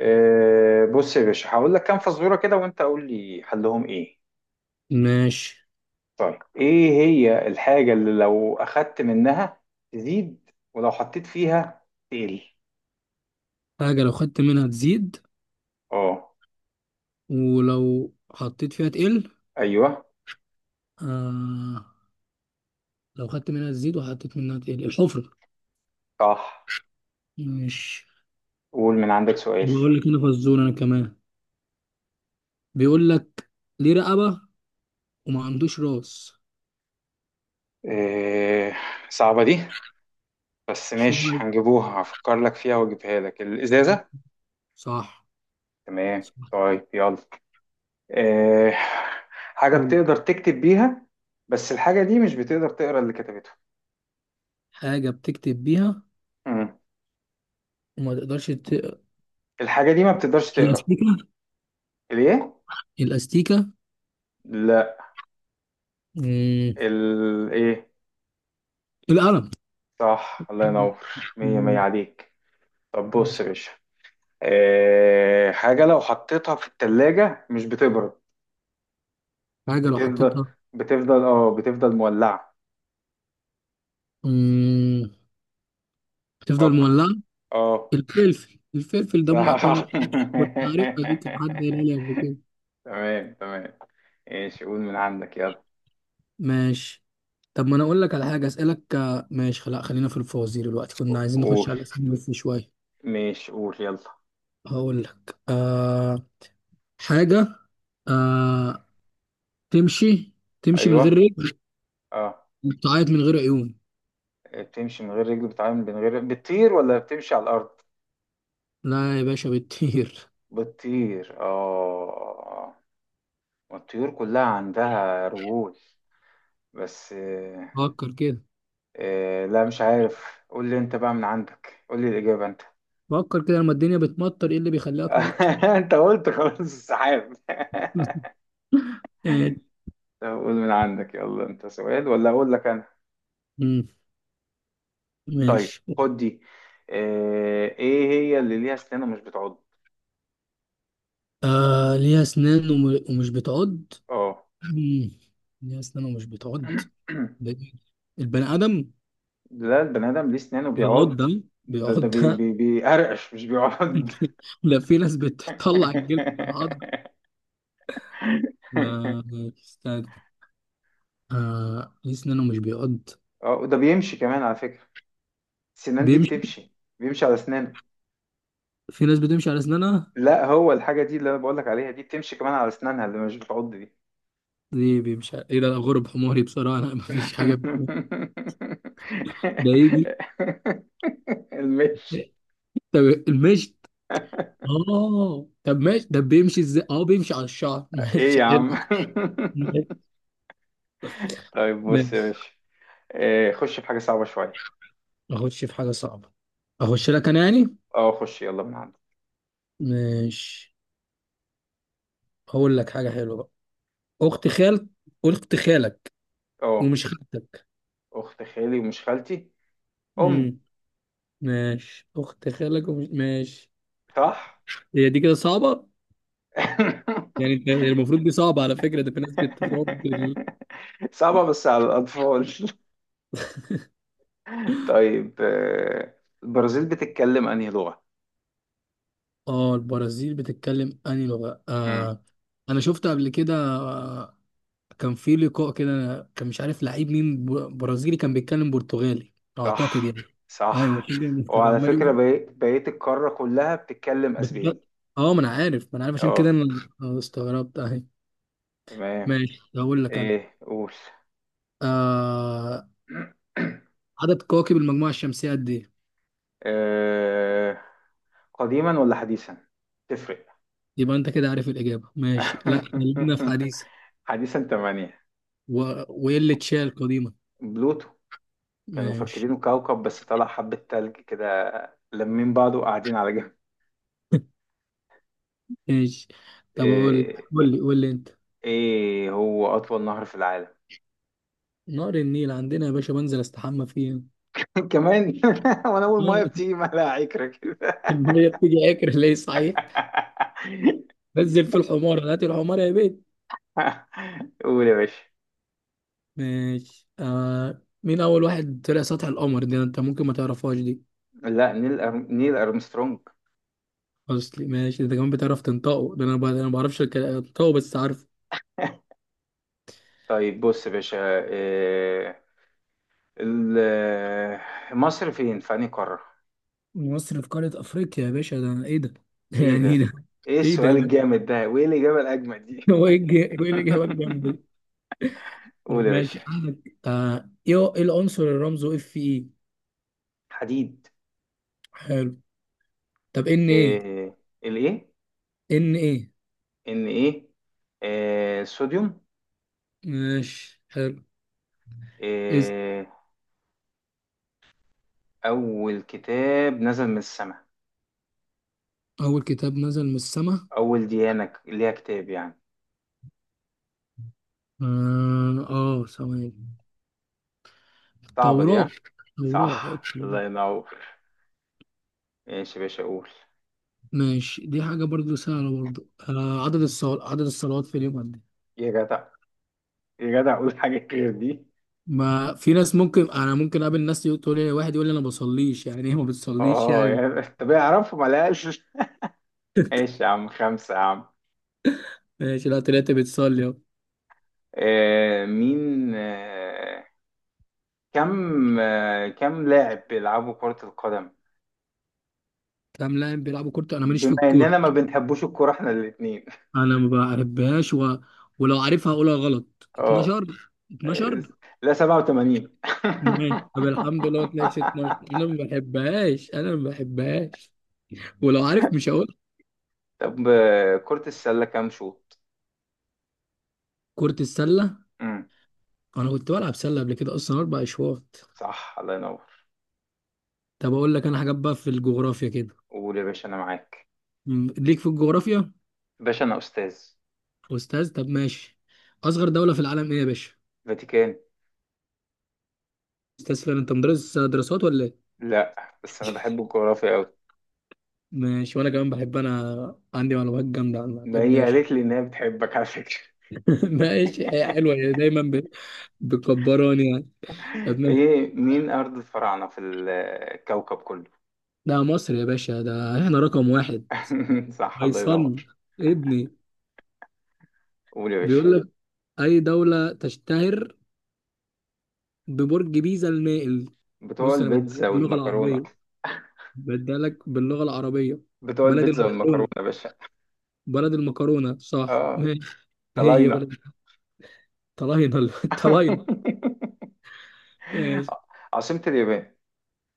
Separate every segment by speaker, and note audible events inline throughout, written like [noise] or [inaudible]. Speaker 1: بص يا باشا، هقول لك كام فزوره كده وانت قول لي حلهم ايه.
Speaker 2: ماشي.
Speaker 1: طيب، ايه هي الحاجه اللي لو اخدت منها تزيد ولو حطيت فيها تقل؟
Speaker 2: حاجة لو خدت منها تزيد
Speaker 1: اه.
Speaker 2: ولو حطيت فيها تقل.
Speaker 1: ايوه.
Speaker 2: آه، لو خدت منها تزيد وحطيت منها تقل الحفرة.
Speaker 1: صح.
Speaker 2: ماشي،
Speaker 1: قول من عندك سؤال.
Speaker 2: بقول لك أنا فزور أنا كمان، بيقول لك ليه رقبة وما عندوش راس.
Speaker 1: إيه؟ صعبه دي، بس
Speaker 2: شو
Speaker 1: ماشي
Speaker 2: هاي؟
Speaker 1: هنجيبوها، هفكر لك فيها واجيبها لك الازازه.
Speaker 2: صح.
Speaker 1: تمام،
Speaker 2: صح.
Speaker 1: طيب يلا. إيه؟ حاجه
Speaker 2: قول لي.
Speaker 1: بتقدر تكتب بيها، بس الحاجه دي مش بتقدر تقرا اللي كتبته.
Speaker 2: حاجة بتكتب بيها
Speaker 1: مم.
Speaker 2: وما تقدرش
Speaker 1: الحاجه دي ما بتقدرش تقرا.
Speaker 2: الأستيكة.
Speaker 1: الايه؟
Speaker 2: الأستيكة.
Speaker 1: لا.
Speaker 2: مم.
Speaker 1: الايه؟
Speaker 2: القلم.
Speaker 1: صح، الله ينور. مية مية
Speaker 2: مم.
Speaker 1: عليك. طب بص يا باشا، حاجة لو حطيتها في التلاجة مش بتبرد.
Speaker 2: حاجة لو
Speaker 1: بتفضل.
Speaker 2: حطيتها
Speaker 1: بتفضل مولعة.
Speaker 2: مم. بتفضل
Speaker 1: فكر.
Speaker 2: مولعة،
Speaker 1: اه.
Speaker 2: الفلفل. الفلفل ده م- كنا
Speaker 1: صح. [laughs]
Speaker 2: كنت عارفها دي، كانت حد قايلها لي قبل كده.
Speaker 1: تمام تمام. ايش؟ قول من عندك يلا.
Speaker 2: ماشي، طب ما انا اقول لك على حاجه اسالك. ماشي، لا خلينا في الفوازير دلوقتي، كنا عايزين نخش
Speaker 1: قول.
Speaker 2: على الاسئله في شويه.
Speaker 1: ماشي، قول يلا.
Speaker 2: هقول لك حاجه، آه تمشي، تمشي من غير
Speaker 1: ايوه.
Speaker 2: رجل
Speaker 1: اه.
Speaker 2: وبتعيط من غير عيون.
Speaker 1: بتمشي من غير رجل، بتعامل من غير، بتطير ولا بتمشي على الارض؟
Speaker 2: لا يا باشا بتطير.
Speaker 1: بتطير، اه، والطيور كلها عندها رجول، بس
Speaker 2: فكر كده.
Speaker 1: لا، مش عارف، قول لي انت بقى من عندك، قول لي الإجابة انت.
Speaker 2: فكر كده لما الدنيا بتمطر، ايه اللي بيخليها
Speaker 1: [laughs]
Speaker 2: تمطر؟
Speaker 1: انت قلت خلاص، السحاب. [laughs]
Speaker 2: [laughs] آه،
Speaker 1: طب قول من عندك يلا، انت سؤال ولا اقول لك انا؟
Speaker 2: مم،
Speaker 1: طيب
Speaker 2: ماشي.
Speaker 1: خد دي، ايه هي اللي ليها اسنان ومش بتعض؟
Speaker 2: ليها اسنان ومش بتعض.
Speaker 1: اه.
Speaker 2: مم. ليه أسنانه مش بتعض؟
Speaker 1: [clears throat]
Speaker 2: ده إيه؟ البني آدم؟
Speaker 1: لا، البني ادم ليه اسنان
Speaker 2: بيعض
Speaker 1: وبيعض.
Speaker 2: ده.
Speaker 1: ده
Speaker 2: بيعض
Speaker 1: ده بي
Speaker 2: ده.
Speaker 1: بي بيقرقش، مش بيعض.
Speaker 2: [laughs] لا في ناس بتطلع الجلد من عض. آه،
Speaker 1: [laughs]
Speaker 2: استنى، آه ليه أسنانه مش بيعض.
Speaker 1: اه، وده بيمشي كمان على فكرة. سنان دي
Speaker 2: بيمشي؟
Speaker 1: بيمشي على اسنانه.
Speaker 2: في ناس بتمشي على أسنانها؟
Speaker 1: لا، هو الحاجه دي اللي انا بقول لك عليها دي بتمشي كمان على اسنانها اللي مش بتعض دي.
Speaker 2: دي بيمشي على إيه ده؟ أنا غرب حماري بصراحة، أنا مفيش حاجة ده يجي.
Speaker 1: [laughs] المش.
Speaker 2: طب المشط.
Speaker 1: [laughs]
Speaker 2: آه طب ماشي، ده بيمشي إزاي؟ آه بيمشي على الشعر. [laughs]
Speaker 1: ايه
Speaker 2: ماشي
Speaker 1: يا
Speaker 2: حلو.
Speaker 1: عم؟ [laughs] طيب بص يا
Speaker 2: ماشي،
Speaker 1: باشا، إيه، خش في حاجه صعبه شويه.
Speaker 2: أخش في حاجة صعبة؟ أخش لك أنا يعني.
Speaker 1: اه، خش يلا من عندك.
Speaker 2: ماشي، هقول لك حاجة حلوة بقى. أخت خالك. أخت خالك
Speaker 1: اه،
Speaker 2: ومش خالتك.
Speaker 1: اخت خالي ومش خالتي، امي.
Speaker 2: امم ماشي، أخت خالك ومش، ماشي.
Speaker 1: صح.
Speaker 2: هي دي كده صعبة،
Speaker 1: [laughs]
Speaker 2: يعني أنت هي المفروض دي صعبة على فكرة، ده في ناس بتتطور
Speaker 1: صعبه بس على الاطفال. [laughs] طيب، البرازيل بتتكلم انهي لغه؟
Speaker 2: آه البرازيل بتتكلم أنهي لغة؟
Speaker 1: امم.
Speaker 2: آه أنا شفت قبل كده، آه كان في لقاء كده، كان مش عارف لعيب مين برازيلي، كان بيتكلم برتغالي أعتقد
Speaker 1: صح.
Speaker 2: يعني. أيوة [laughs]
Speaker 1: صح.
Speaker 2: عشان كده كان
Speaker 1: وعلى
Speaker 2: عمال
Speaker 1: فكرة،
Speaker 2: يقول
Speaker 1: بقيت القارة كلها بتتكلم اسباني.
Speaker 2: بتتكلم. آه ما أنا عارف، ما أنا عارف، عشان كده
Speaker 1: اه.
Speaker 2: أنا استغربت أهي.
Speaker 1: تمام.
Speaker 2: ماشي، هقول لك أنا
Speaker 1: ايه؟ قول.
Speaker 2: آه
Speaker 1: [clears throat]
Speaker 2: عدد كواكب المجموعة الشمسية قد إيه؟
Speaker 1: آه، قديما ولا حديثا؟ تفرق.
Speaker 2: يبقى أنت كده عارف الإجابة، ماشي لا خلينا في
Speaker 1: [laughs]
Speaker 2: حديثة.
Speaker 1: حديثا تمانية.
Speaker 2: و... وإيه اللي تشال القديمة؟
Speaker 1: بلوتو. كانوا
Speaker 2: ماشي.
Speaker 1: فاكرينه كوكب بس طلع حبة تلج كده لمين بعضه وقاعدين على جنب.
Speaker 2: ماشي، طب أقول،
Speaker 1: ايه؟
Speaker 2: قول لي، قول لي أنت.
Speaker 1: إيه هو أطول نهر في العالم؟
Speaker 2: نهر النيل عندنا يا باشا، بنزل أستحمى فيه.
Speaker 1: [laughs] كمان [laughs] وأنا أول مية
Speaker 2: [laughs]
Speaker 1: بتيجي مالها عكرة كده.
Speaker 2: المية بتيجي آكل ليه صحيح.
Speaker 1: [laughs]
Speaker 2: نزل في الحمار هات الحمار يا بيت.
Speaker 1: [laughs] قول يا باشا.
Speaker 2: ماشي، آه مين أول واحد طلع سطح القمر؟ دي أنت ممكن ما تعرفهاش دي.
Speaker 1: لا، نيل أرمسترونج.
Speaker 2: أصلي ماشي، أنت كمان بتعرف تنطقه، ده أنا أنا ما بعرفش أنطقه بس عارف.
Speaker 1: طيب بص يا باشا، إيه، مصر فين، في أنهي قارة؟
Speaker 2: مصر في قارة أفريقيا يا باشا، ده أنا إيه ده؟ [laughs]
Speaker 1: ايه
Speaker 2: يعني إيه
Speaker 1: ده؟
Speaker 2: ده؟
Speaker 1: ايه
Speaker 2: إيه ده يا
Speaker 1: السؤال
Speaker 2: باشا؟
Speaker 1: الجامد ده وايه الإجابة الأجمد دي؟
Speaker 2: [laughs] هو إيه هو إيه الإجابة الجامدة دي؟
Speaker 1: [laughs] قول
Speaker 2: طب
Speaker 1: يا باشا.
Speaker 2: ماشي عندك، آه إيه، إيه العنصر اللي رمزه إف إي؟
Speaker 1: حديد.
Speaker 2: حلو. طب إن إيه؟
Speaker 1: إيه، الايه؟
Speaker 2: إن إيه؟
Speaker 1: ان ايه؟ إيه، صوديوم.
Speaker 2: ماشي حلو. إز.
Speaker 1: إيه، أول كتاب نزل من السماء.
Speaker 2: أول كتاب نزل من السما؟
Speaker 1: أول ديانة ليها كتاب يعني.
Speaker 2: آه، آه ثواني.
Speaker 1: صعبة دي،
Speaker 2: توراة.
Speaker 1: ها.
Speaker 2: توراة، لا.
Speaker 1: صح، الله ينور. ماشي يا باشا، قول.
Speaker 2: ماشي، دي حاجة برضو سهلة برضو، آه عدد الصلوات، عدد الصلوات في اليوم قد إيه؟
Speaker 1: يا جدع، يا جدع، قول حاجة غير دي.
Speaker 2: ما في ناس ممكن، انا ممكن اقابل ناس يقول، تقول لي واحد يقول لي انا ما بصليش، يعني ايه ما بتصليش
Speaker 1: اه،
Speaker 2: يعني؟
Speaker 1: يا طب اعرفه ما لقاش.
Speaker 2: [laughs]
Speaker 1: ايش يا عم؟ خمسة يا عم.
Speaker 2: ماشي، لا طلعت بتصلي اهو.
Speaker 1: آه مين آه كم آه كم لاعب بيلعبوا كرة القدم؟
Speaker 2: تمام، لا بيلعبوا كوره، انا ماليش في
Speaker 1: بما
Speaker 2: الكوره،
Speaker 1: اننا ما بنحبوش الكرة احنا الاتنين.
Speaker 2: انا ما بحبهاش و... ولو عارفها هقولها غلط،
Speaker 1: اه
Speaker 2: 12.
Speaker 1: آه،
Speaker 2: 12.
Speaker 1: لا، 87.
Speaker 2: ماشي، طب الحمد لله طلعت 12،
Speaker 1: [laughs]
Speaker 2: انا ما بحبهاش، انا ما بحبهاش ولو عارف مش هقول.
Speaker 1: طب، كرة السلة كام شوط؟
Speaker 2: كرة السلة؟
Speaker 1: امم.
Speaker 2: انا كنت بلعب سلة قبل كده اصلا، اربع اشواط.
Speaker 1: صح، الله ينور.
Speaker 2: طب اقول لك انا حاجات بقى في الجغرافيا كده،
Speaker 1: قول يا باشا، انا معاك.
Speaker 2: ليك في الجغرافيا؟
Speaker 1: باشا انا استاذ.
Speaker 2: أستاذ؟ طب ماشي، أصغر دولة في العالم إيه يا باشا؟
Speaker 1: فاتيكان.
Speaker 2: أستاذ فين أنت، مدرس دراسات ولا إيه؟
Speaker 1: لا، بس انا بحب الجغرافيا قوي.
Speaker 2: ماشي، وأنا كمان بحب، أنا عندي معلومات جامدة عنها.
Speaker 1: ما
Speaker 2: طب
Speaker 1: هي
Speaker 2: ماشي.
Speaker 1: قالت لي إنها بتحبك على فكرة.
Speaker 2: [laughs] ماشي، هي حلوة،
Speaker 1: [laughs]
Speaker 2: هي دايما بتكبراني يعني. طب ماشي.
Speaker 1: إيه، مين أرض الفراعنة في الكوكب كله؟
Speaker 2: ده مصر يا باشا، ده إحنا رقم واحد.
Speaker 1: [laughs] صح، الله
Speaker 2: فيصل
Speaker 1: ينور.
Speaker 2: ابني
Speaker 1: قول يا باشا.
Speaker 2: بيقول لك أي دولة تشتهر ببرج بيزا المائل؟
Speaker 1: بتوع
Speaker 2: بص أنا بديلك
Speaker 1: البيتزا
Speaker 2: باللغة
Speaker 1: والمكرونة.
Speaker 2: العربية، بديلك باللغة العربية.
Speaker 1: بتوع
Speaker 2: بلد
Speaker 1: البيتزا والمكرونة
Speaker 2: المكرونة.
Speaker 1: يا باشا.
Speaker 2: بلد المكرونة، صح
Speaker 1: آه،
Speaker 2: ماشي. إيه هي
Speaker 1: طلعنا.
Speaker 2: بلد، طلاينة [laughs] الطلاينة.
Speaker 1: [laughs]
Speaker 2: ماشي.
Speaker 1: عاصمة اليابان.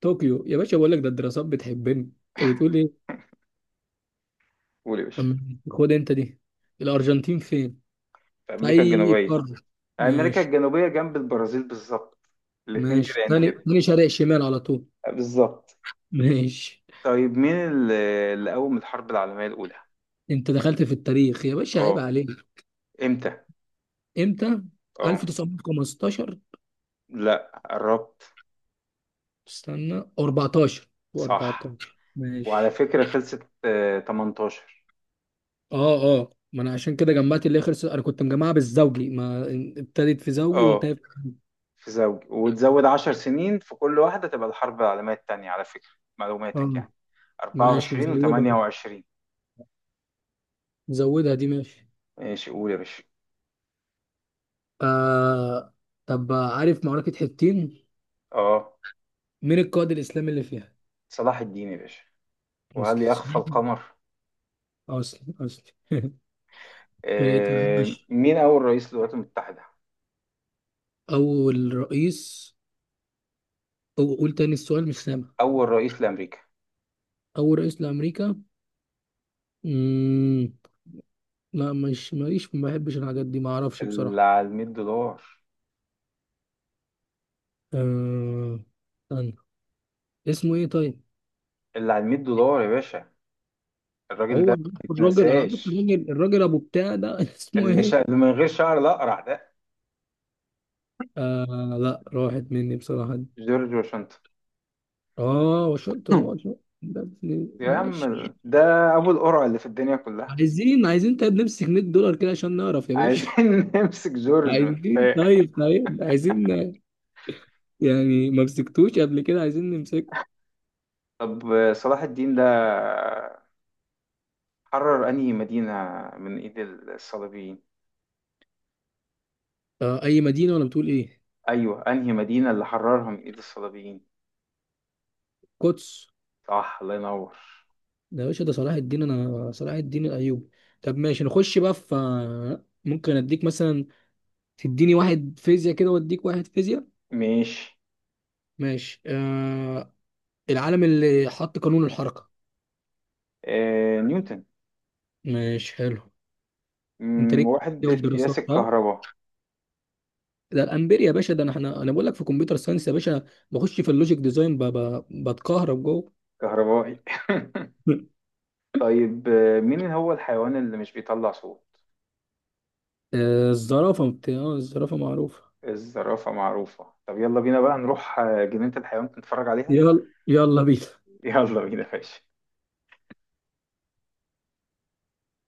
Speaker 2: طوكيو يا باشا، بقول لك ده الدراسات بتحبني. انت بتقول ايه؟
Speaker 1: قول يا باشا.
Speaker 2: خد انت دي، الارجنتين فين؟
Speaker 1: في
Speaker 2: في
Speaker 1: أمريكا
Speaker 2: اي
Speaker 1: الجنوبية.
Speaker 2: قارة؟
Speaker 1: أمريكا
Speaker 2: ماشي.
Speaker 1: الجنوبية جنب البرازيل بالظبط، الاتنين
Speaker 2: ماشي،
Speaker 1: جيران
Speaker 2: تاني
Speaker 1: كده.
Speaker 2: تاني شرق شمال على طول.
Speaker 1: بالظبط.
Speaker 2: [laughs] ماشي.
Speaker 1: طيب، مين اللي، قوم الحرب العالمية الأولى؟
Speaker 2: انت دخلت في التاريخ يا باشا، عيب
Speaker 1: اه.
Speaker 2: عليك.
Speaker 1: امتى؟
Speaker 2: امتى؟
Speaker 1: اه.
Speaker 2: 1915.
Speaker 1: لا، قربت.
Speaker 2: استنى، 14.
Speaker 1: صح.
Speaker 2: و14.
Speaker 1: وعلى
Speaker 2: ماشي.
Speaker 1: فكرة خلصت 18.
Speaker 2: اه اه ما انا عشان كده جمعت اللي هي خلصت، انا كنت مجمعها بالزوجي، ما ابتدت في زوجي
Speaker 1: اه.
Speaker 2: وانتهت.
Speaker 1: في زوج وتزود 10 سنين في كل واحدة تبقى الحرب العالمية التانية على فكرة.
Speaker 2: اه،
Speaker 1: معلوماتك يعني.
Speaker 2: ماشي
Speaker 1: 24
Speaker 2: زي ده.
Speaker 1: و28.
Speaker 2: زودها دي ماشي.
Speaker 1: ماشي، قول يا باشا.
Speaker 2: آه طب عارف معركة حطين؟
Speaker 1: اه.
Speaker 2: مين القائد الإسلامي اللي فيها؟
Speaker 1: صلاح الدين يا باشا، وهل يخفى
Speaker 2: مسلم.
Speaker 1: القمر.
Speaker 2: مسلم، مسلم. [laughs] طيب، طب ماشي.
Speaker 1: مين أول رئيس للولايات المتحدة؟
Speaker 2: أول رئيس، أو قول تاني السؤال مش سامع.
Speaker 1: أول رئيس لأمريكا.
Speaker 2: أول رئيس لأمريكا؟ مم... لا مش، ماليش، ما بحبش الحاجات دي، ما أعرفش
Speaker 1: اللي
Speaker 2: بصراحة.
Speaker 1: على 100 دولار.
Speaker 2: آه... استنى، اسمه إيه طيب؟
Speaker 1: اللي على 100 دولار يا باشا. الراجل ده
Speaker 2: هو
Speaker 1: ما
Speaker 2: أنا عارف الراجل، أنا عارف
Speaker 1: يتنساش،
Speaker 2: الراجل، الراجل أبو بتاع ده [laughs] اسمه إيه؟
Speaker 1: اللي من غير شعر، الأقرع ده.
Speaker 2: آه لا راحت مني بصراحة.
Speaker 1: جورج واشنطن.
Speaker 2: اه وشلت نقط.
Speaker 1: [laughs] يا عم،
Speaker 2: ماشي.
Speaker 1: ده ابو القرع اللي في الدنيا كلها.
Speaker 2: عايزين، عايزين طيب نمسك $100 كده عشان نعرف يا باشا.
Speaker 1: عايزين [laughs] نمسك
Speaker 2: [laughs]
Speaker 1: جورج من
Speaker 2: عايزين،
Speaker 1: قفاه.
Speaker 2: طيب طيب عايزين، يعني ما مسكتوش قبل كده عايزين نمسكه.
Speaker 1: طب، صلاح الدين ده حرر انهي مدينة من ايد الصليبيين؟
Speaker 2: آه اي مدينه ولا بتقول ايه؟
Speaker 1: ايوه، انهي مدينة اللي حررها من ايد الصليبيين.
Speaker 2: قدس.
Speaker 1: صح، الله ينور.
Speaker 2: ده يا باشا ده صلاح الدين، انا صلاح الدين الايوبي. طب ماشي، نخش بقى في، ممكن اديك مثلا، تديني واحد فيزياء كده واديك واحد فيزياء.
Speaker 1: ماشي.
Speaker 2: ماشي، آه العالم اللي حط قانون الحركه.
Speaker 1: نيوتن.
Speaker 2: ماشي حلو. انت
Speaker 1: مم،
Speaker 2: ليك في
Speaker 1: وحدة قياس
Speaker 2: الدراسات ها،
Speaker 1: الكهرباء.
Speaker 2: ده الامبير يا باشا، ده انا احنا، انا بقول لك في كمبيوتر ساينس يا باشا، بخش في اللوجيك ديزاين بتكهرب جوه.
Speaker 1: كهربائي. [laughs]
Speaker 2: [laughs]
Speaker 1: طيب، مين هو الحيوان اللي مش بيطلع صوت؟
Speaker 2: الزرافه، بتاع الزرافه معروفه.
Speaker 1: الزرافة معروفة. طب يلا بينا بقى نروح جنينة الحيوان نتفرج عليها.
Speaker 2: يلا يلا بينا.
Speaker 1: يلا بينا يا باشا.